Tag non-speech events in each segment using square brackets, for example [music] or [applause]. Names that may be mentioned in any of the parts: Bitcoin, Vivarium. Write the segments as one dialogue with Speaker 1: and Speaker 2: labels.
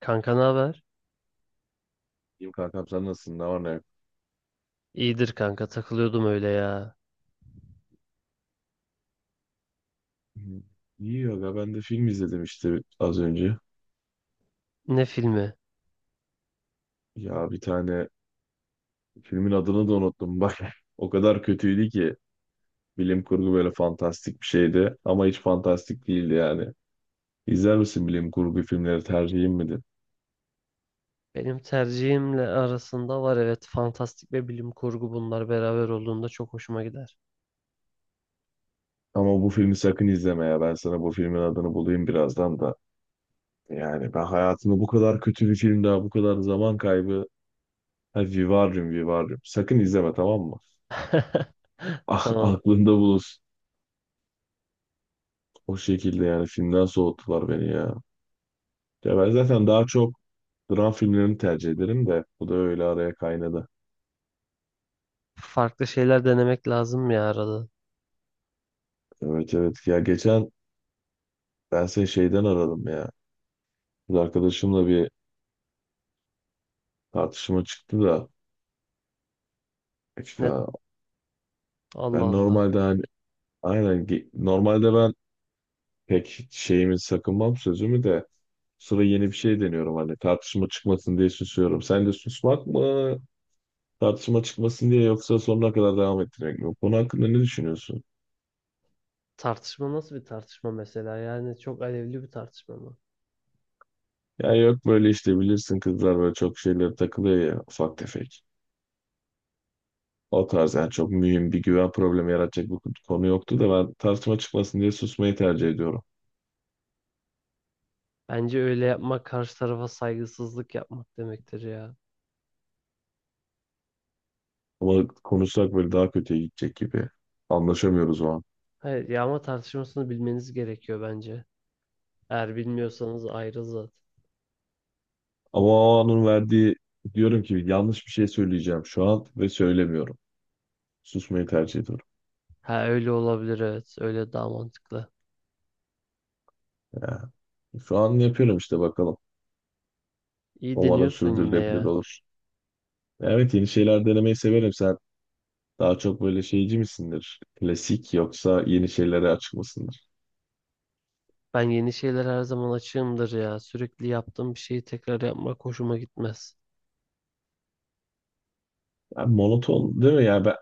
Speaker 1: Kanka ne haber?
Speaker 2: İyiyim kankam, sen nasılsın? Ne var ne yok?
Speaker 1: İyidir kanka takılıyordum öyle ya.
Speaker 2: Hmm, İyi aga, ben de film izledim işte az önce.
Speaker 1: Ne filmi?
Speaker 2: Ya bir tane filmin adını da unuttum bak. [laughs] O kadar kötüydü ki. Bilim kurgu, böyle fantastik bir şeydi ama hiç fantastik değildi yani. İzler misin, bilim kurgu filmleri tercihin midir?
Speaker 1: Benim tercihimle arasında var, evet, fantastik ve bilim kurgu bunlar beraber olduğunda çok hoşuma gider.
Speaker 2: Ama bu filmi sakın izleme ya. Ben sana bu filmin adını bulayım birazdan da. Yani ben hayatımda bu kadar kötü bir film daha, bu kadar zaman kaybı. Ha, Vivarium, Vivarium. Sakın izleme, tamam mı?
Speaker 1: [laughs]
Speaker 2: Ah,
Speaker 1: Tamam.
Speaker 2: aklında bulunsun. O şekilde yani, filmden soğuttular beni ya. Ya ben zaten daha çok dram filmlerini tercih ederim de bu da öyle araya kaynadı.
Speaker 1: Farklı şeyler denemek lazım ya arada.
Speaker 2: Evet evet, ya geçen ben seni şeyden aradım ya. Kız arkadaşımla bir tartışma çıktı da işte,
Speaker 1: Ne, Allah
Speaker 2: ben
Speaker 1: Allah.
Speaker 2: normalde hani normalde ben pek şeyimi sakınmam, sözümü de. Sıra yeni bir şey deniyorum, hani tartışma çıkmasın diye susuyorum. Sen de susmak mı tartışma çıkmasın diye, yoksa sonuna kadar devam ettirmek mi? Bu konu hakkında ne düşünüyorsun?
Speaker 1: Tartışma nasıl bir tartışma mesela? Yani çok alevli bir tartışma mı?
Speaker 2: Ya yok, böyle işte bilirsin kızlar böyle çok şeylere takılıyor ya, ufak tefek. O tarz yani, çok mühim bir güven problemi yaratacak bir konu yoktu da ben tartışma çıkmasın diye susmayı tercih ediyorum.
Speaker 1: Bence öyle yapmak karşı tarafa saygısızlık yapmak demektir ya.
Speaker 2: Ama konuşsak böyle daha kötüye gidecek gibi. Anlaşamıyoruz o an.
Speaker 1: Hayır, yağma tartışmasını bilmeniz gerekiyor bence. Eğer bilmiyorsanız ayrı zaten.
Speaker 2: Ama o anın verdiği, diyorum ki yanlış bir şey söyleyeceğim şu an, ve söylemiyorum. Susmayı tercih ediyorum.
Speaker 1: Ha, öyle olabilir evet. Öyle daha mantıklı.
Speaker 2: Ya, şu an yapıyorum işte, bakalım.
Speaker 1: İyi
Speaker 2: Umarım
Speaker 1: deniyorsun yine
Speaker 2: sürdürülebilir
Speaker 1: ya.
Speaker 2: olur. Evet, yeni şeyler denemeyi severim. Sen daha çok böyle şeyci misindir? Klasik, yoksa yeni şeylere açık mısındır?
Speaker 1: Ben yeni şeyler her zaman açığımdır ya. Sürekli yaptığım bir şeyi tekrar yapmak hoşuma gitmez.
Speaker 2: Yani monoton değil mi? Yani ben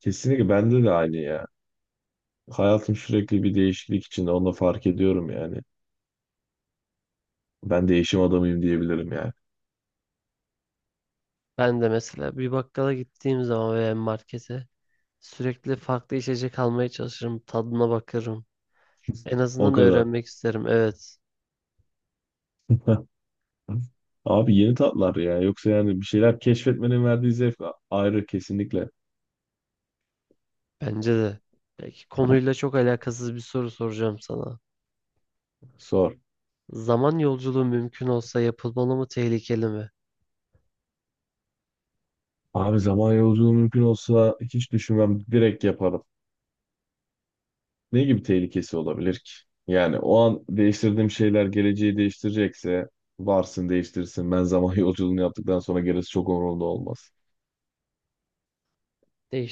Speaker 2: kesinlikle, bende de aynı ya. Hayatım sürekli bir değişiklik içinde. Onu da fark ediyorum yani. Ben değişim adamıyım diyebilirim yani.
Speaker 1: Ben de mesela bir bakkala gittiğim zaman veya markete sürekli farklı içecek almaya çalışırım. Tadına bakarım. En
Speaker 2: O
Speaker 1: azından
Speaker 2: kadar.
Speaker 1: öğrenmek isterim. Evet.
Speaker 2: [laughs] Abi, yeni tatlar ya. Yoksa yani bir şeyler keşfetmenin verdiği zevk ayrı, kesinlikle.
Speaker 1: Bence de. Peki konuyla çok alakasız bir soru soracağım sana.
Speaker 2: Sor.
Speaker 1: Zaman yolculuğu mümkün olsa yapılmalı mı, tehlikeli mi?
Speaker 2: Abi, zaman yolculuğu mümkün olsa hiç düşünmem. Direkt yaparım. Ne gibi tehlikesi olabilir ki? Yani o an değiştirdiğim şeyler geleceği değiştirecekse, varsın değiştirsin. Ben zaman [laughs] yolculuğunu yaptıktan sonra gerisi çok umurumda olmaz.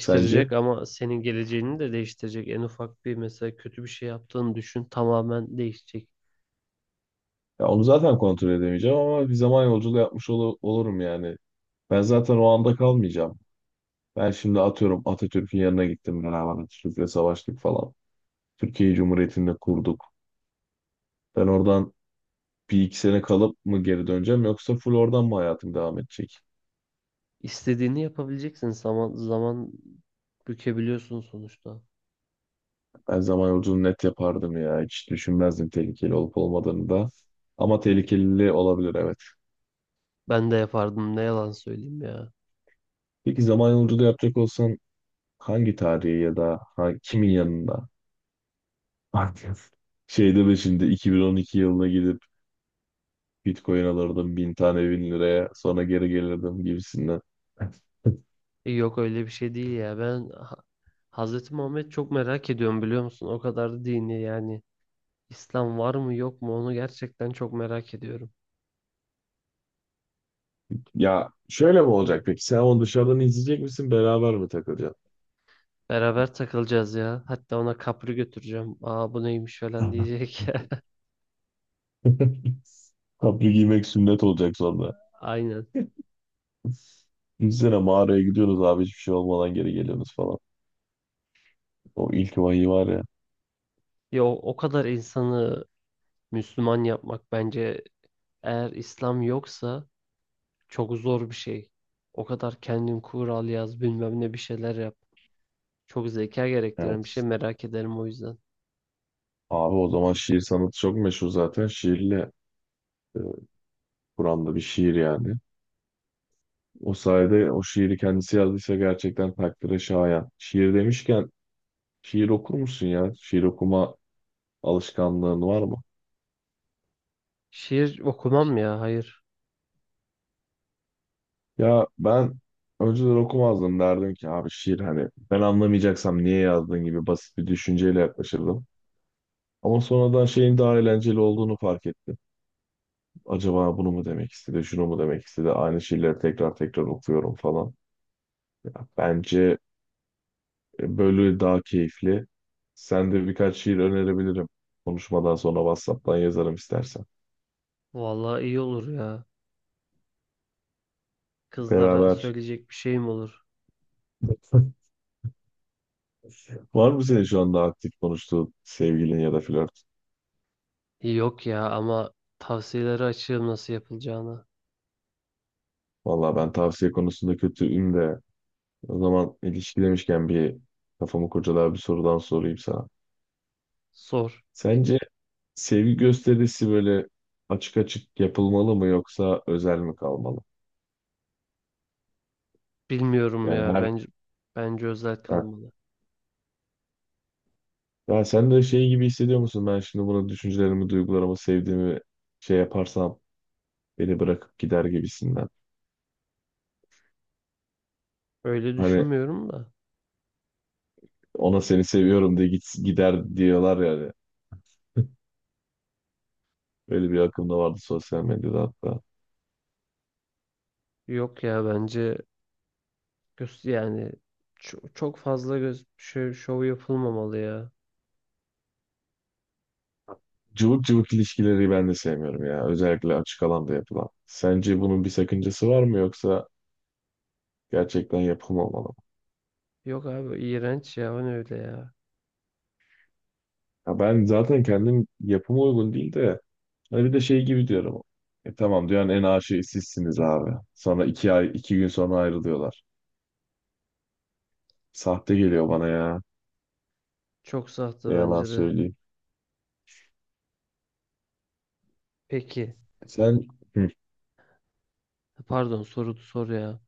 Speaker 2: Sence?
Speaker 1: ama senin geleceğini de değiştirecek. En ufak bir mesela kötü bir şey yaptığını düşün, tamamen değişecek.
Speaker 2: Ya onu zaten kontrol edemeyeceğim, ama bir zaman yolculuğu yapmış olurum yani. Ben zaten o anda kalmayacağım. Ben şimdi atıyorum, Atatürk'ün yanına gittim, beraber Atatürk'le savaştık falan. Türkiye Cumhuriyeti'ni de kurduk. Ben oradan bir iki sene kalıp mı geri döneceğim, yoksa full oradan mı hayatım devam edecek?
Speaker 1: İstediğini yapabileceksin. Zaman zaman bükebiliyorsun sonuçta.
Speaker 2: Ben zaman yolculuğunu net yapardım ya. Hiç düşünmezdim tehlikeli olup olmadığını da. Ama tehlikeli olabilir, evet.
Speaker 1: Ben de yapardım, ne yalan söyleyeyim ya.
Speaker 2: Peki zaman yolculuğu yapacak olsan, hangi tarihi ya da kimin yanında? Bakın. Şey deme şimdi, 2012 yılına gidip Bitcoin alırdım bin tane, bin liraya, sonra geri gelirdim gibisinden.
Speaker 1: Yok öyle bir şey değil ya. Ben Hazreti Muhammed çok merak ediyorum biliyor musun? O kadar da dini yani. İslam var mı yok mu onu gerçekten çok merak ediyorum.
Speaker 2: Ya şöyle mi olacak peki? Sen onu dışarıdan izleyecek misin? Beraber mi takılacaksın?
Speaker 1: Beraber takılacağız ya. Hatta ona kapri götüreceğim. Aa bu neymiş falan
Speaker 2: Tamam.
Speaker 1: diyecek.
Speaker 2: Kapri giymek sünnet olacak sonra.
Speaker 1: [laughs] Aynen.
Speaker 2: Düşünsene, mağaraya gidiyorsunuz abi, hiçbir şey olmadan geri geliyorsunuz falan. O ilk vahiy var ya.
Speaker 1: Ya o kadar insanı Müslüman yapmak bence, eğer İslam yoksa, çok zor bir şey. O kadar kendin kural yaz bilmem ne bir şeyler yap. Çok zeka gerektiren bir şey,
Speaker 2: Evet.
Speaker 1: merak ederim o yüzden.
Speaker 2: Abi o zaman şiir sanatı çok meşhur zaten. Şiirle, e, Kur'an'da bir şiir yani. O sayede, o şiiri kendisi yazdıysa gerçekten takdire şayan. Şiir demişken, şiir okur musun ya? Şiir okuma alışkanlığın var mı?
Speaker 1: Şiir okumam ya, hayır.
Speaker 2: Ya ben önceden okumazdım, derdim ki abi şiir, hani ben anlamayacaksam niye yazdın gibi basit bir düşünceyle yaklaşırdım. Ama sonradan şeyin daha eğlenceli olduğunu fark ettim. Acaba bunu mu demek istedi, şunu mu demek istedi? Aynı şiirleri tekrar tekrar okuyorum falan. Ya bence böyle daha keyifli. Sen de birkaç şiir önerebilirim. Konuşmadan sonra WhatsApp'tan yazarım istersen.
Speaker 1: Vallahi iyi olur ya. Kızlara
Speaker 2: Beraber.
Speaker 1: söyleyecek bir şeyim olur.
Speaker 2: [laughs] Var mı senin şu anda aktif konuştuğun sevgilin ya da flört?
Speaker 1: Yok ya, ama tavsiyeleri açığım nasıl yapılacağını.
Speaker 2: Valla ben tavsiye konusunda kötüyüm de, o zaman ilişki demişken bir kafamı kurcalayan bir sorudan sorayım sana.
Speaker 1: Sor.
Speaker 2: Sence sevgi gösterisi böyle açık açık yapılmalı mı, yoksa özel mi kalmalı?
Speaker 1: Bilmiyorum
Speaker 2: Yani
Speaker 1: ya, bence
Speaker 2: her...
Speaker 1: bence özel
Speaker 2: Ha.
Speaker 1: kalmalı.
Speaker 2: Ya sen de şey gibi hissediyor musun? Ben şimdi buna düşüncelerimi, duygularımı, sevdiğimi şey yaparsam, beni bırakıp gider gibisinden.
Speaker 1: Öyle
Speaker 2: Hani
Speaker 1: düşünmüyorum da.
Speaker 2: ona seni seviyorum diye git, gider diyorlar yani. [laughs] Böyle bir akım da vardı sosyal medyada hatta.
Speaker 1: Yok ya bence, Göz, yani çok fazla göz şov yapılmamalı ya.
Speaker 2: Cıvık cıvık ilişkileri ben de sevmiyorum ya. Özellikle açık alanda yapılan. Sence bunun bir sakıncası var mı, yoksa gerçekten yapım olmalı mı?
Speaker 1: Yok abi, iğrenç ya, o ne öyle ya.
Speaker 2: Ya ben zaten kendim yapıma uygun değil de, hani bir de şey gibi diyorum. E tamam diyor yani, en aşığı sizsiniz abi. Sonra iki ay, iki gün sonra ayrılıyorlar. Sahte geliyor bana ya.
Speaker 1: Çok sahte
Speaker 2: Ne yalan
Speaker 1: bence de.
Speaker 2: söyleyeyim.
Speaker 1: Peki,
Speaker 2: Sen, hı,
Speaker 1: pardon, soru sor ya.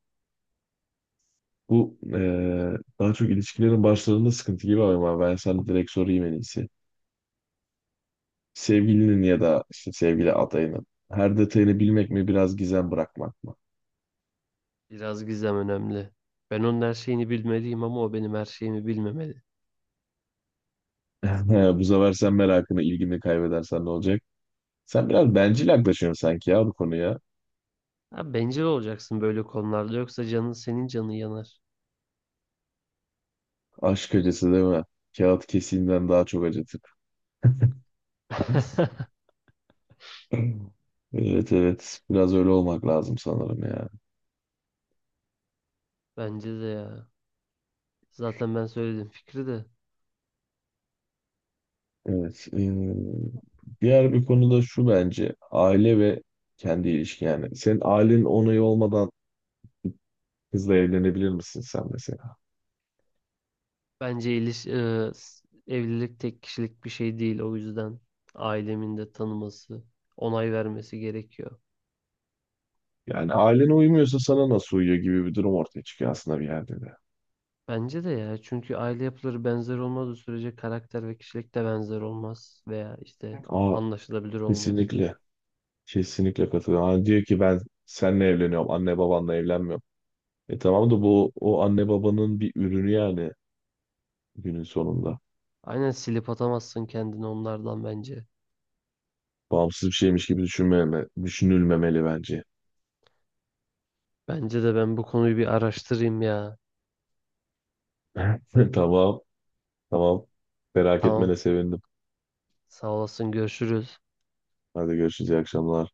Speaker 2: bu daha çok ilişkilerin başlarında sıkıntı gibi, ama ben sana direkt sorayım en iyisi. Sevgilinin ya da işte sevgili adayının her detayını bilmek mi, biraz gizem bırakmak mı?
Speaker 1: Biraz gizem önemli. Ben onun her şeyini bilmeliyim ama o benim her şeyimi bilmemeli.
Speaker 2: [laughs] Bu sefer sen merakını, ilgini kaybedersen ne olacak? Sen biraz bencil yaklaşıyorsun sanki ya bu konuya.
Speaker 1: Abi bencil olacaksın böyle konularda, yoksa canın, senin canın yanar.
Speaker 2: Aşk acısı değil mi? Kağıt kesiğinden daha çok acıtır. [clears throat]
Speaker 1: [laughs]
Speaker 2: [laughs] Evet evet, biraz öyle olmak lazım sanırım ya.
Speaker 1: Bence de ya. Zaten ben söyledim fikri de.
Speaker 2: Evet. Diğer bir konu da şu, bence aile ve kendi ilişki yani. Senin ailenin onayı olmadan kızla evlenebilir misin sen mesela?
Speaker 1: Bence evlilik tek kişilik bir şey değil, o yüzden ailemin de tanıması, onay vermesi gerekiyor.
Speaker 2: Yani ailene uymuyorsa sana nasıl uyuyor gibi bir durum ortaya çıkıyor aslında bir yerde de.
Speaker 1: Bence de ya, çünkü aile yapıları benzer olmadığı sürece karakter ve kişilik de benzer olmaz veya işte
Speaker 2: Aa,
Speaker 1: anlaşılabilir olmaz.
Speaker 2: kesinlikle. Kesinlikle katılıyorum. Hani diyor ki, ben seninle evleniyorum, anne babanla evlenmiyorum. E tamam da, bu o anne babanın bir ürünü yani günün sonunda.
Speaker 1: Aynen, silip atamazsın kendini onlardan bence.
Speaker 2: Bağımsız bir şeymiş gibi düşünülmemeli bence.
Speaker 1: Bence de, ben bu konuyu bir araştırayım ya.
Speaker 2: [laughs] Tamam. Tamam. Merak
Speaker 1: Tamam,
Speaker 2: etmene sevindim.
Speaker 1: sağ olasın, görüşürüz.
Speaker 2: Hadi görüşürüz. İyi akşamlar.